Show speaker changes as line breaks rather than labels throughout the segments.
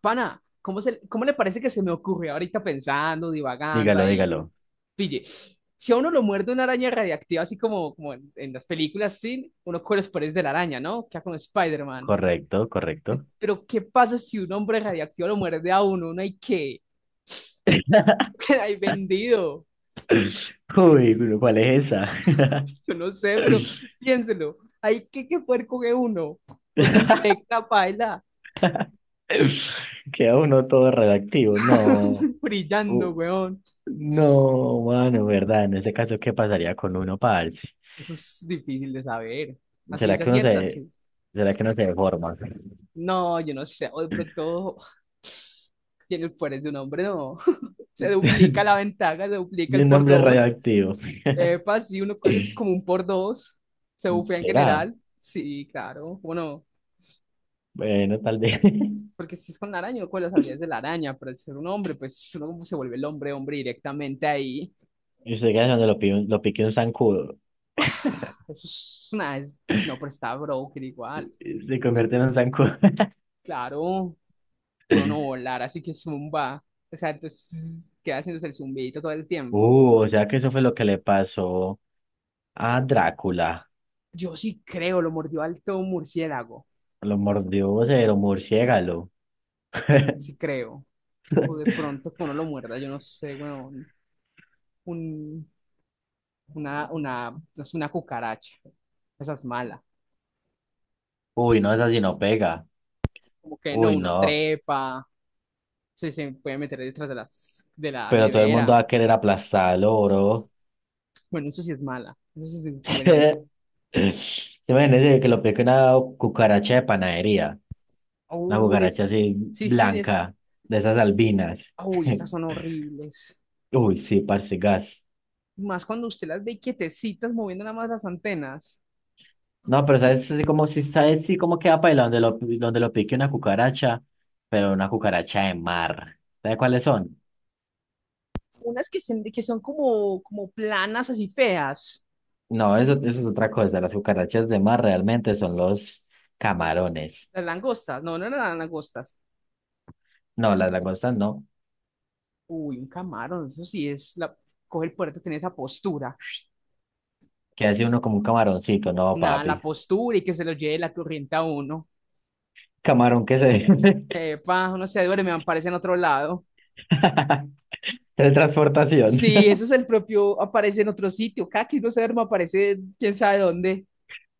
Pana, ¿cómo, se, ¿cómo le parece que se me ocurre ahorita pensando, divagando
Dígalo,
ahí?
dígalo.
Pille, si a uno lo muerde una araña radiactiva, así como, como en las películas, sí, uno con los poderes de la araña, ¿no? Queda como Spider-Man.
Correcto, correcto.
Pero, ¿qué pasa si un hombre radiactivo lo muerde a uno? ¿Uno hay qué? Queda ahí vendido.
Uy, pero ¿cuál es esa?
Yo no sé, pero piénselo. ¿Hay qué, qué puerco que uno? O se infecta, paila.
Queda uno todo radioactivo. No,
Brillando,
u-
weón.
no, mano, ¿verdad? En ese caso, ¿qué pasaría con uno, parce?
Eso es difícil de saber. A
¿Será
ciencia
que uno
cierta,
se,
sí.
¿será que uno se deforma?
No, yo no sé, o de pronto tiene el poder de un hombre, no. Se duplica la ventaja, se duplica
De
el
un
por
hombre
dos.
radioactivo.
Epa, si uno juega el- como un por dos, se bufea en
¿Será?
general. Sí, claro, bueno,
Bueno, tal vez.
porque si es con la araña, uno con las habilidades de la araña, pero al ser un hombre, pues uno como se vuelve el hombre, hombre directamente ahí.
Y usted queda cuando lo pique un zancudo.
Ah, eso es una. Es- no, pero está broker igual.
Se convierte en un zancudo.
Claro, puede uno volar, así que zumba. O sea, entonces queda haciéndose el zumbidito todo el tiempo. Uf.
O sea que eso fue lo que le pasó a Drácula.
Yo sí creo, lo mordió alto un murciélago,
Lo mordió cero murciélago.
sí creo. O de pronto que uno lo muerda, yo no sé, weón. Un, una, no sé, una cucaracha. Esa es mala.
Uy, no, esa sí no pega.
Como que no,
Uy,
uno
no.
trepa, se puede meter detrás de la
Pero todo el mundo
nevera.
va a querer aplastarlo, bro.
Bueno, eso sí es mala, eso sí es inconveniente.
Se imagínese que lo pique una cucaracha de panadería. Una
Uy, ese
cucaracha
es-
así
sí, sí, es,
blanca, de esas albinas.
uy, esas son horribles.
Uy, sí, parce gas.
Más cuando usted las ve quietecitas, moviendo nada más las antenas.
No, pero sabes así como si sabes sí cómo queda para donde lo pique una cucaracha, pero una cucaracha de mar. ¿Sabes cuáles son?
Unas que que son como, como planas, así feas.
No, eso es otra cosa. Las cucarachas de mar realmente son los camarones.
Las langostas, no, no eran las langostas.
No, las langostas no.
Uy, un camarón, eso sí es la. Coge el puerto, tiene esa postura.
Que hace uno como un camaroncito, no,
Nada, la
papi.
postura y que se lo lleve la corriente a uno.
Camarón que se...
Epa, uno se duerme, aparece en otro lado.
Teletransportación.
Sí, eso es el propio, aparece en otro sitio. Caqui no se duerme, aparece quién sabe dónde.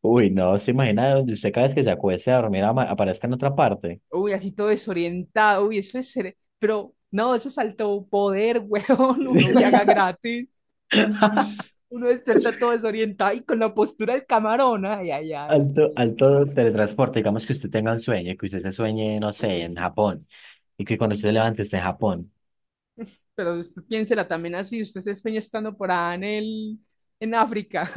Uy, no, se imagina donde usted cada vez que se acueste a dormir aparezca en otra parte.
Uy, así todo desorientado. Uy, eso es. Cere- Pero no, eso es alto poder, weón. Uno viaja gratis. Uno despierta todo desorientado y con la postura del camarón. Ay, ay, ay.
Alto, alto teletransporte, digamos que usted tenga un sueño, que usted se sueñe, no sé, en Japón, y que cuando usted se levante esté en Japón.
Pero usted piénsela también así, usted se sueña estando por allá en África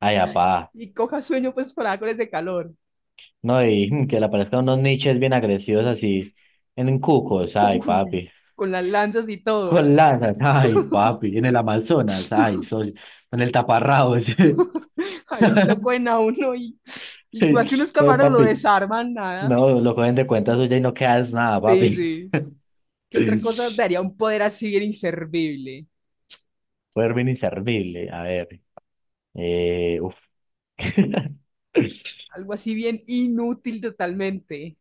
Ay, apá.
y coja sueño pues por allá con ese calor.
No, y que le aparezcan unos niches bien agresivos así en Cucos, ay,
Uy,
papi.
con las lanzas y todo.
Con lanas, ay, papi. En el Amazonas, ay, soy. En el taparrabos.
Ahí lo cogen a uno y más que unos
No,
camaros lo
papi.
desarman, nada.
No, lo cogen de cuenta suya y no quedas nada,
Sí,
papi.
sí. ¿Qué otra cosa daría un poder así bien inservible?
Poder bien inservible. A ver. Uf.
Algo así bien inútil totalmente.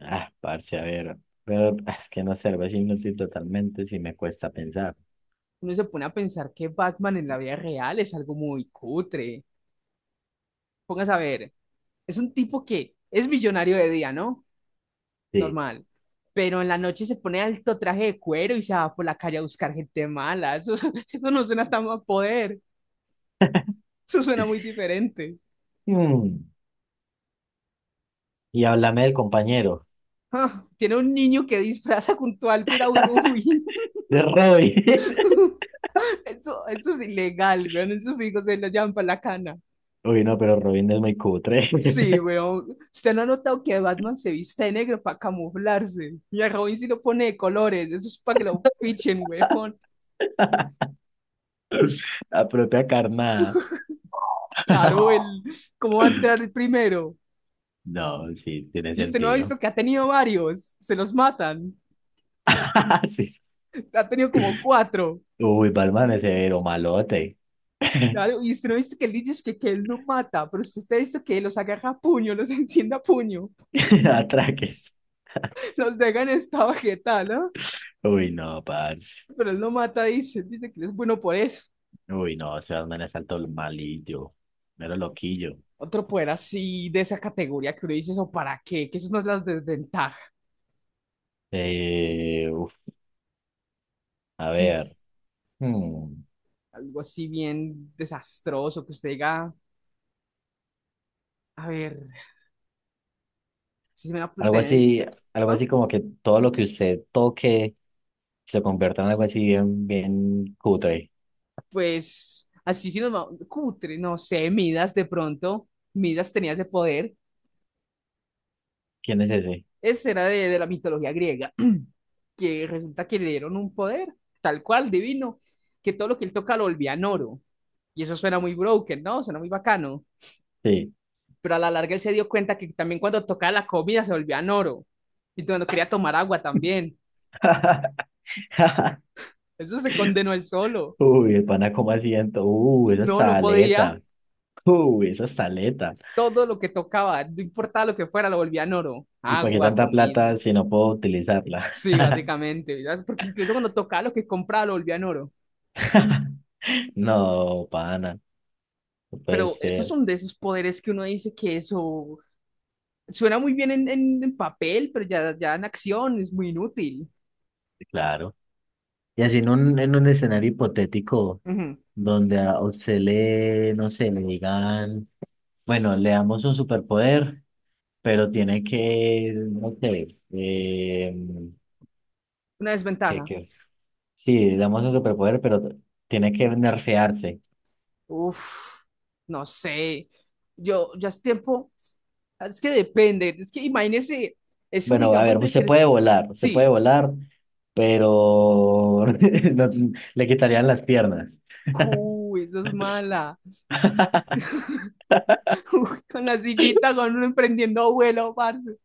Ah, parce, a ver. Pero ah, es que no sé, algo así inútil totalmente si me cuesta pensar.
Uno se pone a pensar que Batman en la vida real es algo muy cutre. Póngase a ver, es un tipo que es millonario de día, ¿no?
Sí.
Normal. Pero en la noche se pone alto traje de cuero y se va por la calle a buscar gente mala. Eso, eso no suena tan a poder. Eso suena muy diferente.
Mm. Y háblame del compañero,
Ah, tiene un niño que disfraza junto al piragüe. Uy,
de Robin.
eso es ilegal, weón. Esos amigos se lo llaman para la cana.
Uy, no, pero Robin es muy cutre.
Sí, weón. Usted no ha notado que Batman se viste de negro para camuflarse. Y a Robin sí lo pone de colores. Eso es para que lo fichen, weón.
La propia carnada.
Claro, ¿cómo va a entrar el primero?
No, sí, tiene
Y usted no ha
sentido.
visto que ha tenido varios, se los matan.
Sí, sí.
Ha tenido como cuatro.
Uy, Batman es severo, malote.
Claro, y usted no ha visto que él dice que él no mata, pero usted está visto que los agarra a puño, los enciende a puño,
Atraques.
los deja en esta vegetal, ¿no?
Uy, no, parce.
Pero él no mata, dice que es bueno por eso.
Uy, no, ese Batman es alto malillo. Mero loquillo.
Otro poder así de esa categoría que uno dice, ¿eso para qué? Que eso no es la desventaja.
Eh, uf, a ver. Hmm.
Algo así bien desastroso que usted diga, a ver, si se me va a
Algo
tener...
así, algo
¿Ah?
así como que todo lo que usted toque se convierta en algo así bien cutre.
Pues así si nos vamos, cutre, no sé, Midas de pronto, Midas tenía ese poder,
¿Quién es ese?
ese era de la mitología griega, que resulta que le dieron un poder, tal cual, divino, que todo lo que él toca lo volvía en oro, y eso suena muy broken, ¿no? Suena muy bacano,
Sí.
pero a la larga él se dio cuenta que también cuando tocaba la comida se volvía en oro, y cuando quería tomar agua también, eso se condenó él solo,
Uy, el pana como asiento. Uy, esa
no, no podía,
saleta. Uy, esa saleta.
todo lo que tocaba, no importaba lo que fuera, lo volvía en oro,
¿Y para qué
agua,
tanta plata
comida.
si no puedo utilizarla?
Sí, básicamente, ¿verdad? Porque incluso cuando tocaba lo que compraba lo volvía en oro.
No, pana. No puede
Pero esos
ser.
son de esos poderes que uno dice que eso suena muy bien en papel, pero ya en acción es muy inútil.
Claro. Y así en en un escenario hipotético
Ujú.
donde a usted le, no sé, le digan, bueno, le damos un superpoder, pero tiene que, no sé, eh,
Una desventaja.
sí, damos un superpoder, pero tiene que nerfearse.
Uf, no sé. Yo ya es tiempo. Es que depende. Es que imagínese eso,
Bueno, a
digamos,
ver,
de ser.
se puede
Sí.
volar, pero no- le quitarían las piernas.
Uy, eso es mala. Uy, con la sillita, con uno emprendiendo vuelo, parce.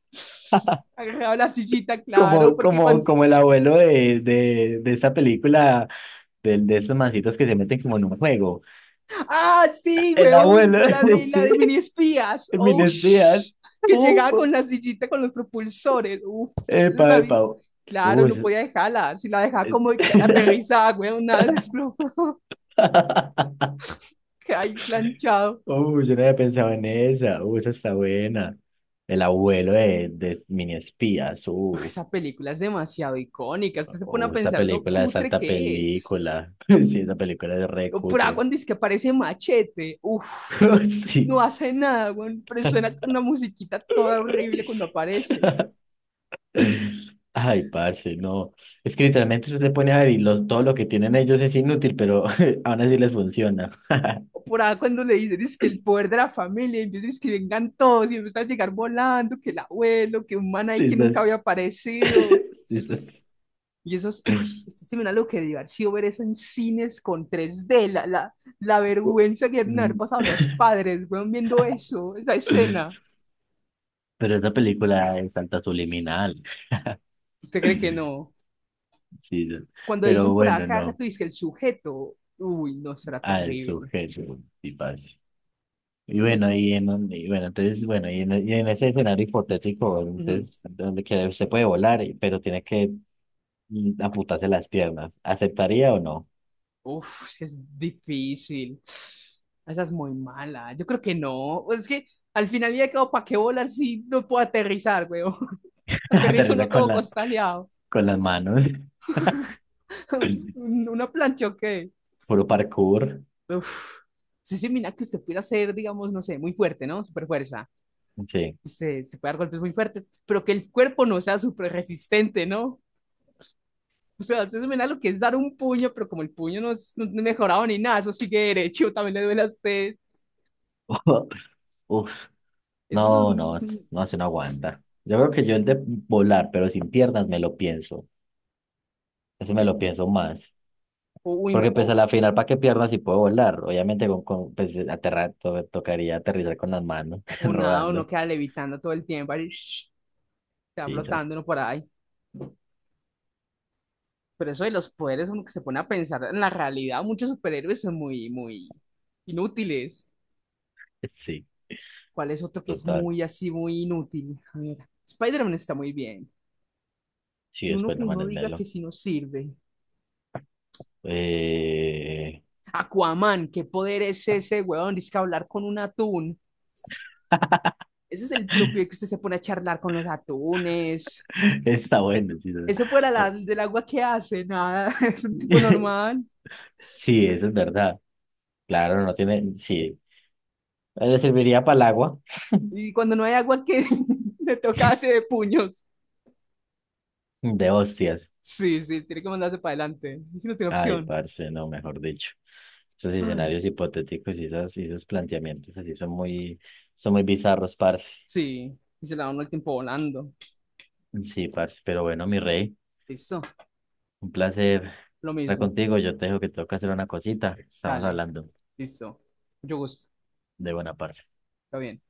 Agarraba la sillita, claro, porque cuando.
Como el abuelo de, de esa película, de esos mancitos que se meten como en un juego.
¡Ah, sí,
El
weón!
abuelo,
La
sí,
de mini espías. ¡Oh,
Mines Díaz.
sh- Que
Uh,
llegaba con la sillita con los propulsores. Uf, ese
epa,
sabía.
epa.
Claro,
Uh,
no
es-
podía dejarla. Si la dejaba como
es-
que aterrizada, weón, nada se explotó. Que ahí planchado.
Uy, yo no había pensado en esa. Uy, esa está buena. El abuelo de Mini Espías.
Uf,
Uf,
esa película es demasiado icónica. Usted se pone a
uf, esa
pensar lo
película es
cutre
alta
que es.
película. Sí, esa película es re
No, pero ah,
cutre.
cuando dice que aparece Machete, uff, no
Sí.
hace nada, weón, pero suena una musiquita toda horrible cuando aparece.
Ay, parce, no. Es que literalmente usted se pone a ver y los, todo lo que tienen ellos es inútil, pero aún así les funciona.
O por ahí cuando le dicen es que el poder de la familia, y empiezan es que vengan todos y empiezan a llegar volando, que el abuelo, que un man ahí
Sí,
que nunca había
esas.
aparecido.
Sí, esas.
Y eso es, uy, esto se me da lo que divertido ver eso en cines con 3D, la
Uh,
vergüenza que deben haber
Mm.
pasado los padres, weón, viendo eso, esa escena.
Pero esa película es alta subliminal.
¿Usted cree que no?
Sí,
Cuando dicen
pero
por
bueno,
acá,
no.
tú dices que el sujeto, uy, no, será
Al
terrible.
sujeto, y parce. Y bueno,
Es,
y bueno, entonces, bueno, y en ese escenario hipotético,
ujú.
entonces, donde que se puede volar, pero tiene que amputarse las piernas, ¿aceptaría o no?
Uf, es que es difícil. Esa es muy mala. Yo creo que no. Pues es que al final ya quedado para qué volar si no puedo aterrizar, weón. Aterrizo
Aterriza
no
con
todo
la,
costaleado.
con las manos,
Una plancha, ¿o qué?
puro parkour,
Uf. Sí, sí, mira que usted pudiera ser, digamos, no sé, muy fuerte, ¿no? Super fuerza.
sí.
Usted se puede dar golpes muy fuertes, pero que el cuerpo no sea súper resistente, ¿no? O sea, entonces mira lo que es dar un puño, pero como el puño no es mejorado ni nada, eso sigue derecho, también le duele a usted.
Uf,
Eso es
no,
un...
no, se no aguanta. Yo creo que yo el de volar, pero sin piernas, me lo pienso, eso me lo pienso más.
O, uy, ma-
Porque pues a la final, ¿para qué piernas si puedo volar? Obviamente con pues aterrar, tocaría aterrizar con las manos,
o nada, uno
rodando.
queda levitando todo el tiempo, ahí, shh, está
Quizás
flotando uno por ahí. Pero eso de los poderes, como que se pone a pensar en la realidad, muchos superhéroes son muy inútiles.
sí,
¿Cuál es otro que es
total.
muy así, muy inútil? A ver, Spider-Man está muy bien.
Sí,
Que uno
después
que
no
no diga
manesmelo.
que si no sirve.
Eh...
Aquaman, ¿qué poder es ese, weón? Dice que hablar con un atún. Ese es el propio que usted se pone a charlar con los atunes.
Está bueno, sí. No.
Ese fuera
Ah,
del agua que hace, nada, es un tipo normal.
sí, eso es verdad. Claro, no tiene, sí. Le serviría para el agua
Y cuando no hay agua que le toca hace de puños.
de hostias.
Sí, sí, tiene que mandarse para adelante. Si no tiene
Ay,
opción.
parce, no, mejor dicho. Estos
Ay,
escenarios hipotéticos y esas y esos planteamientos así son muy bizarros, parce.
sí. Y se la da uno el tiempo volando.
Sí, parce, pero bueno, mi rey,
Listo,
un placer
lo
estar
mismo.
contigo. Yo te dejo que tengo que hacer una cosita. Estamos
Dale,
hablando
listo. Mucho gusto.
de buena parte.
Está bien.